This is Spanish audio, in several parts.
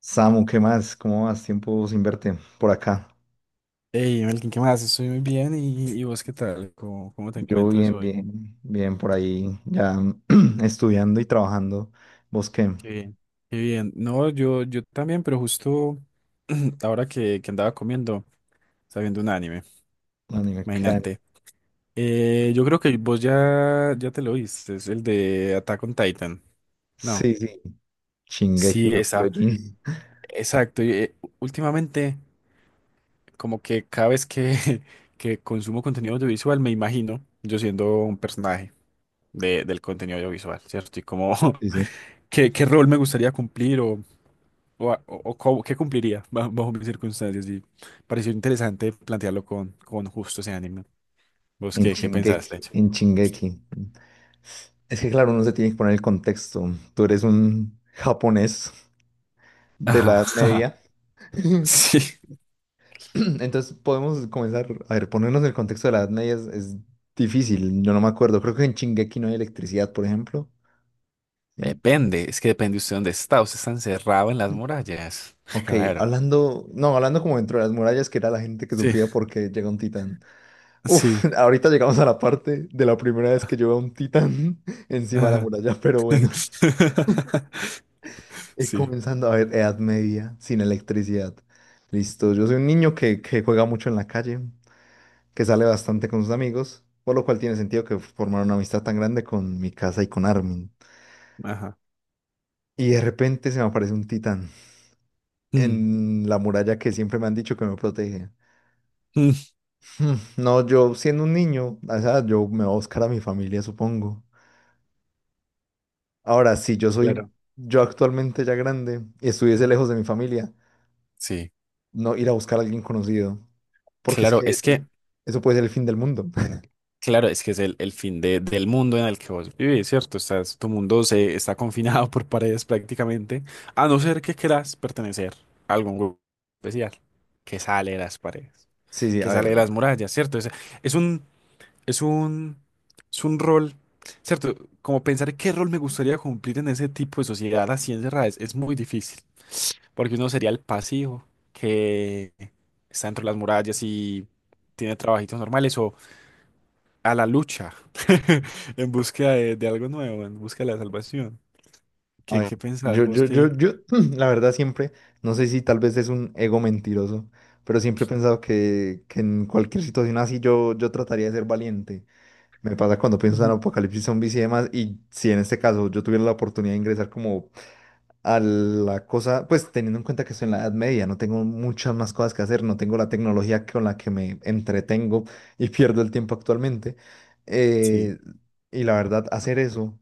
Samu, ¿qué más? ¿Cómo vas? Tiempo sin verte por acá. Hey, Melkin, ¿qué más? Estoy muy bien. ¿Y vos qué tal? ¿Cómo te Yo encuentras bien, hoy? bien, bien por ahí, ya estudiando y trabajando. ¿Vos qué? Qué bien. Qué bien. No, yo también, pero justo ahora que andaba comiendo, estaba viendo un anime. Anime, ¿qué anime? Imagínate. Yo creo que vos ya te lo viste. Es el de Attack on Titan. No. Sí, sí, Shingeki Sí, no esa. Kyojin. Exacto. Y, últimamente, como que cada vez que, que consumo contenido audiovisual, me imagino yo siendo un personaje del contenido audiovisual, ¿cierto? Y como. Sí, sí. ¿Qué rol me gustaría cumplir o qué cumpliría bajo mis circunstancias? Y pareció interesante plantearlo con justo ese ánimo. ¿Vos En qué pensaste? Shingeki, en Shingeki. Es que claro, uno se tiene que poner el contexto. Tú eres un japonés de la Ajá, Edad ajá, Media. sí. Entonces podemos comenzar, a ver, ponernos el contexto de la Edad Media es difícil. Yo no me acuerdo, creo que en Shingeki no hay electricidad, por ejemplo. Sí. Depende, es que depende usted dónde está. Usted está encerrado en las Mm. murallas. Ok, Claro. hablando, no, hablando como dentro de las murallas, que era la gente que Sí, sufría porque llega un titán. Uf, sí. ahorita llegamos a la parte de la primera vez que yo veo un titán encima de la Ajá. muralla, pero bueno, Sí, comenzando a ver Edad Media sin electricidad. Listo, yo soy un niño que juega mucho en la calle, que sale bastante con sus amigos, por lo cual tiene sentido que formara una amistad tan grande con mi casa y con Armin. ajá. Y de repente se me aparece un titán Mm, en la muralla que siempre me han dicho que me protege. mm. Hmm. No, yo siendo un niño, o sea, yo me voy a buscar a mi familia, supongo. Ahora, si yo soy, Claro. yo actualmente ya grande y estuviese lejos de mi familia, Sí, no ir a buscar a alguien conocido, porque es claro, que es que eso puede ser el fin del mundo. claro, es que es el fin del mundo en el que vos vivís, ¿cierto? Tu mundo se está confinado por paredes prácticamente, a no ser que quieras pertenecer a algún grupo especial que sale de las paredes, Sí, sí, a que sale ver, de las murallas, ¿cierto? Es un, es un, es un rol, ¿cierto? Como pensar qué rol me gustaría cumplir en ese tipo de sociedad así encerrada es muy difícil, porque uno sería el pasivo que está dentro de las murallas y tiene trabajitos normales a la lucha, en búsqueda de algo nuevo, en búsqueda de la salvación. a ¿Qué, ver, qué pensás yo, vos yo, yo, que... yo, la verdad siempre, no sé si tal vez es un ego mentiroso, pero siempre he pensado que en cualquier situación así yo trataría de ser valiente. Me pasa cuando pienso en Ujú. apocalipsis zombies y demás, y si en este caso yo tuviera la oportunidad de ingresar como a la cosa, pues teniendo en cuenta que estoy en la Edad Media, no tengo muchas más cosas que hacer, no tengo la tecnología con la que me entretengo y pierdo el tiempo actualmente. Sí, eh, y la verdad, hacer eso,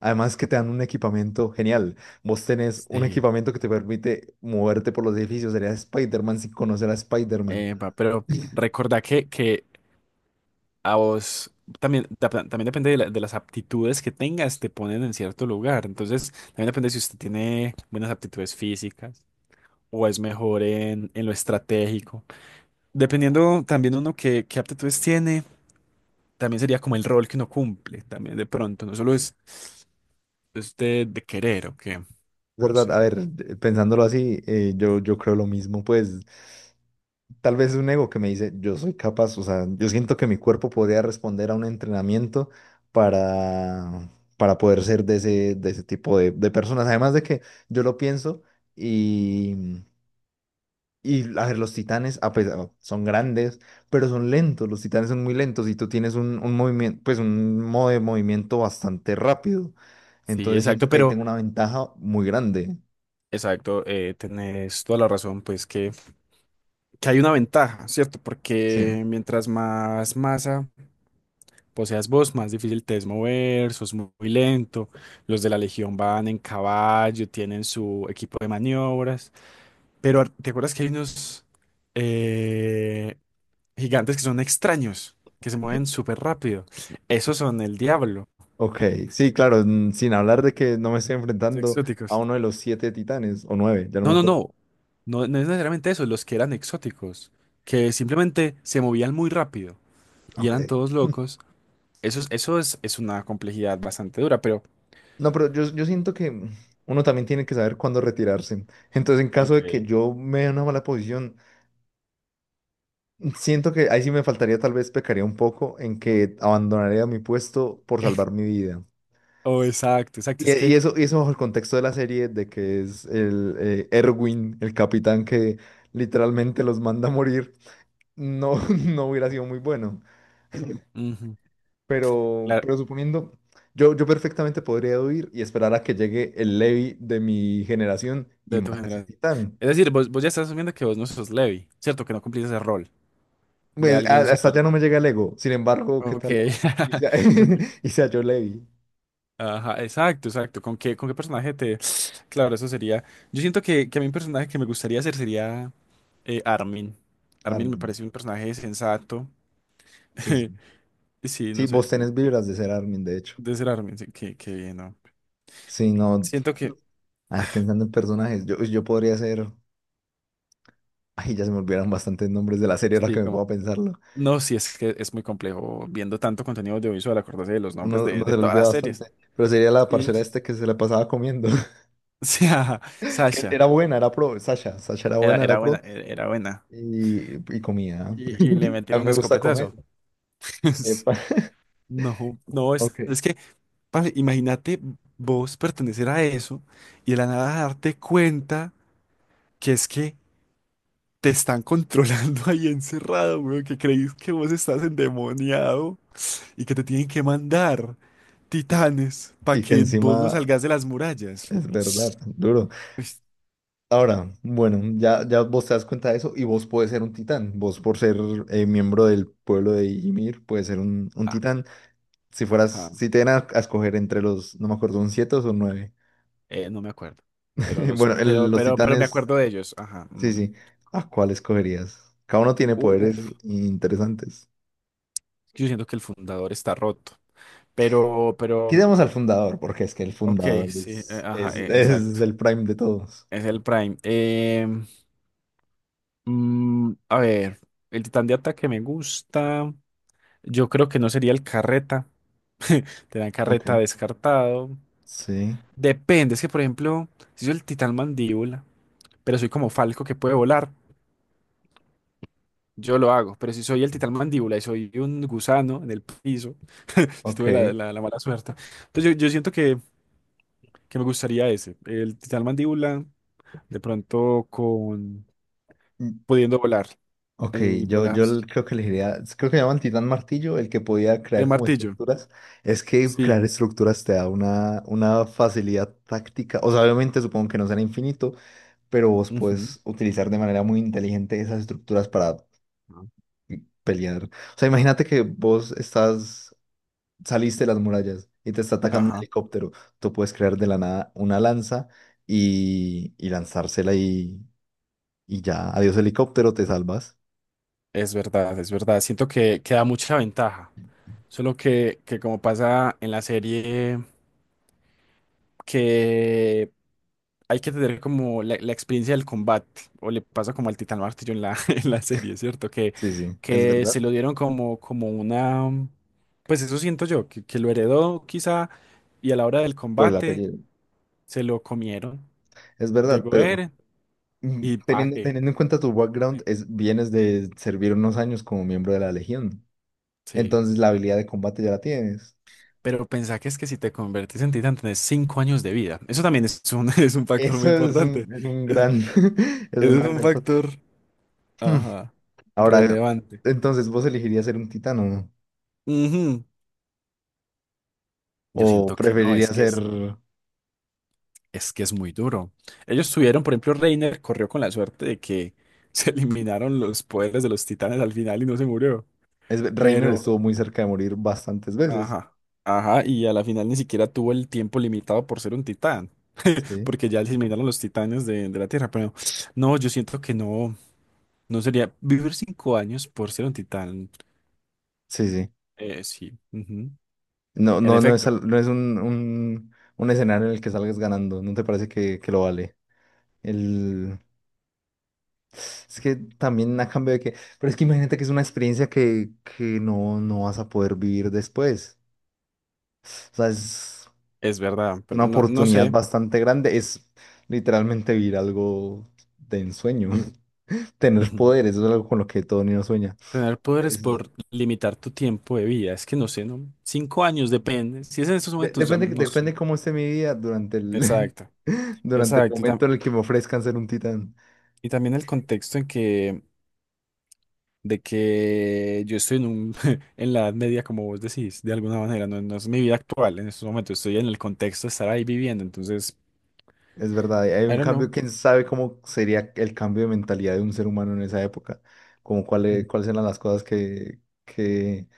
además que te dan un equipamiento genial, vos tenés un sí. equipamiento que te permite moverte por los edificios, sería Spider-Man sin conocer a Spider-Man. Pero recordá que a vos también, también depende de las aptitudes que tengas, te ponen en cierto lugar. Entonces, también depende si usted tiene buenas aptitudes físicas o es mejor en lo estratégico. Dependiendo también uno qué aptitudes tiene, también sería como el rol que uno cumple, también de pronto. No solo es de querer, ¿ok? No ¿Verdad? sé. A ver, pensándolo así, yo creo lo mismo, pues tal vez es un ego que me dice, yo soy capaz, o sea, yo siento que mi cuerpo podría responder a un entrenamiento para, para poder ser de ese tipo de personas. Además de que yo lo pienso y, y a ver, los titanes, a pesar, son grandes, pero son lentos, los titanes son muy lentos y tú tienes un movimiento, pues un modo de movimiento bastante rápido. Sí, Entonces siento exacto, que ahí tengo una ventaja muy grande. exacto, tenés toda la razón, pues que hay una ventaja, ¿cierto? Sí. Porque mientras más masa poseas vos, más difícil te es mover, sos muy lento, los de la Legión van en caballo, tienen su equipo de maniobras, pero ¿te acuerdas que hay unos eh, gigantes que son extraños, que se mueven súper rápido? Esos son el diablo, Ok, sí, claro, sin hablar de que no me estoy los enfrentando a exóticos. uno de los siete titanes, o nueve, ya no me No, no, acuerdo. no. No, no es necesariamente eso, los que eran exóticos, que simplemente se movían muy rápido y Ok. eran todos locos. Es una complejidad bastante dura, pero... No, pero yo siento que uno también tiene que saber cuándo retirarse. Entonces, en caso de que Ok. yo me dé una mala posición, siento que ahí sí me faltaría, tal vez pecaría un poco en que abandonaría mi puesto por salvar mi vida. Oh, exacto, exacto. Y, Es y que... eso, y eso bajo el contexto de la serie, de que es el Erwin, el capitán que literalmente los manda a morir, no, no hubiera sido muy bueno. Ujú, Pero, claro, pero suponiendo, yo perfectamente podría huir y esperar a que llegue el Levi de mi generación y de tu mate a ese generación. titán. Es decir, vos ya estás asumiendo que vos no sos Levi, ¿cierto? Que no cumplís ese rol de Pues a- alguien hasta súper... ya no me llega el ego. Sin embargo, ¿qué Ok. tal? Y sea, Ok. y sea yo Levi. Ajá, exacto, exacto. ¿Con qué personaje te...? Claro, eso sería... Yo siento que a mí un personaje que me gustaría hacer sería Armin. Armin me Armin. parece un personaje sensato. Sí, sí. Sí, Sí, no sé, vos como tenés que vibras de ser Armin, de hecho. de ser Armin, sí, qué bien, ¿no? Sí, no. Siento que, A ver, pensando en personajes, yo podría ser. Ay, ya se me olvidaron bastantes nombres de la serie ahora sí, que me como. puedo pensarlo. No, sí, es que es muy complejo viendo tanto contenido audiovisual, acordarse de los nombres Uno de, se de lo todas olvida las series. bastante. Pero sería la Sí, parcera es. este que se la pasaba comiendo. Sí, ajá, Que Sasha, era buena, era pro, Sasha, Sasha era era, buena, era era buena, pro era buena. Y comía. Y le A metieron mí un me gusta comer. escopetazo. Epa. No, no, es, Ok. es que, parce, imagínate vos pertenecer a eso y de la nada darte cuenta que es que te están controlando ahí encerrado, weón, que creís que vos estás endemoniado y que te tienen que mandar Y, titanes para y que que vos no encima salgas de las murallas. es verdad, duro. Pues, Ahora, bueno, ya, ya vos te das cuenta de eso y vos puedes ser un titán. Vos por ser miembro del pueblo de Ymir, puedes ser un titán. Si fueras, ajá, si te dieran a escoger entre los, no me acuerdo, un siete o son nueve. No me acuerdo. Pero los, Bueno, pero, los pero, pero me titanes, acuerdo de ellos. Ajá. sí, Mm. sí. ¿A cuál escogerías? Cada uno tiene poderes Uf, interesantes. yo siento que el fundador está roto. Pero, Quitemos al fundador, porque es que el ok, fundador sí, ajá, es exacto. el prime de todos. Es el Prime. A ver, el titán de ataque me gusta. Yo creo que no sería el carreta. Te dan Ok, carreta descartado. sí, Depende, es que por ejemplo, si soy el titán mandíbula, pero soy como Falco que puede volar, yo lo hago. Pero si soy el titán mandíbula y soy un gusano en el piso, si tuve ok. La mala suerte. Entonces yo siento que me gustaría ese. El titán mandíbula, de pronto con mm, pudiendo volar. Ok, El volar. Creo que elegiría, creo que llaman Titán Martillo, el que podía El crear como martillo. estructuras. Es que Sí. crear estructuras te da una facilidad táctica. O sea, obviamente supongo que no será infinito, pero vos Ujú. puedes utilizar de manera muy inteligente esas estructuras para mm, pelear. O sea, imagínate que vos estás saliste de las murallas y te está atacando un Ajá. helicóptero, tú puedes crear de la nada una lanza y lanzársela y ya, adiós helicóptero, te salvas. Es verdad, es verdad. Siento que da mucha ventaja. Solo que como pasa en la serie. Que hay que tener como la experiencia del combate, o le pasa como al Titán Martillo en la, en la serie, ¿cierto? Que, Sí, sí, es que verdad, se lo dieron como una... Pues eso siento yo, que lo heredó quizá, y a la hora del por el combate apellido. se lo comieron. Es verdad, Llegó pero Eren y pa' teniendo, qué. teniendo en cuenta tu background, es, vienes de servir unos años como miembro de la Legión. Sí. Entonces la habilidad de combate ya la tienes. Pero pensá que es que si te convertís en titán tenés 5 años de vida. Eso también es un, es un factor Eso muy importante. es un Es, gran, es es una un gran cosa. factor, Hmm, ajá, Ahora, relevante. entonces, ¿vos elegirías ser un titán o no? Ujú. Yo ¿O siento que no, es preferirías que ser? es, es que es muy duro. Ellos tuvieron, por ejemplo, Reiner corrió con la suerte de que se eliminaron los poderes de los titanes al final y no se murió. Reiner Pero, estuvo muy cerca de morir bastantes veces. ajá, ajá, y a la final ni siquiera tuvo el tiempo limitado por ser un titán, Sí, porque ya se eliminaron los titanes de la Tierra. Pero no, yo siento que no sería vivir 5 años por ser un titán. sí, sí. Sí, ujú. No, En no, efecto, no es un, escenario en el que salgas ganando. ¿No te parece que lo vale? El... Es que también a cambio de que... Pero es que imagínate que es una experiencia que no, no vas a poder vivir después. O sea, es es verdad, pero una no, no oportunidad sé. bastante grande. Es literalmente vivir algo de ensueño. Tener Ujú. poderes, eso es algo con lo que todo niño sueña. Tener poderes Es- por limitar tu tiempo de vida. Es que no sé, ¿no? 5 años, depende. Si es en estos momentos, ya depende, no sé. depende cómo esté mi vida durante el, Exacto, durante el exacto. Y, tam- momento en el que me ofrezcan ser un titán. y también el contexto de que yo estoy en un, en la edad media, como vos decís, de alguna manera. No, no es mi vida actual. En estos momentos estoy en el contexto de estar ahí viviendo. Entonces, Es verdad, hay I un don't know. cambio, quién sabe cómo sería el cambio de mentalidad de un ser humano en esa época, como cuáles Ujú. cuáles eran las cosas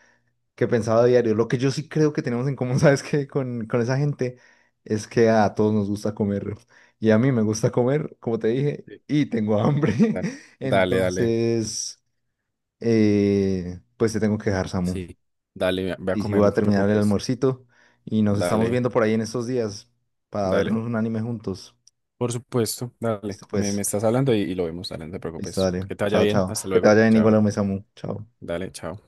que pensaba a diario. Lo que yo sí creo que tenemos en común, ¿sabes qué? Con esa gente es que a todos nos gusta comer y a mí me gusta comer, como te dije, Sí. y tengo hambre. Da- Dale, dale. Entonces, pues te tengo que dejar, Samu. Sí. Dale, ve a Sí, sí, comer, voy a no te terminar el preocupes. almuercito y nos estamos Dale, viendo por ahí en estos días para dale. vernos un anime juntos. Por supuesto, dale. Listo, Me pues. estás hablando y lo vemos, dale, no te Listo, preocupes. dale. Que te vaya Chao, bien, chao. hasta Que te luego. vaya bien igual Chao. a Samu. Chao. Dale, chao.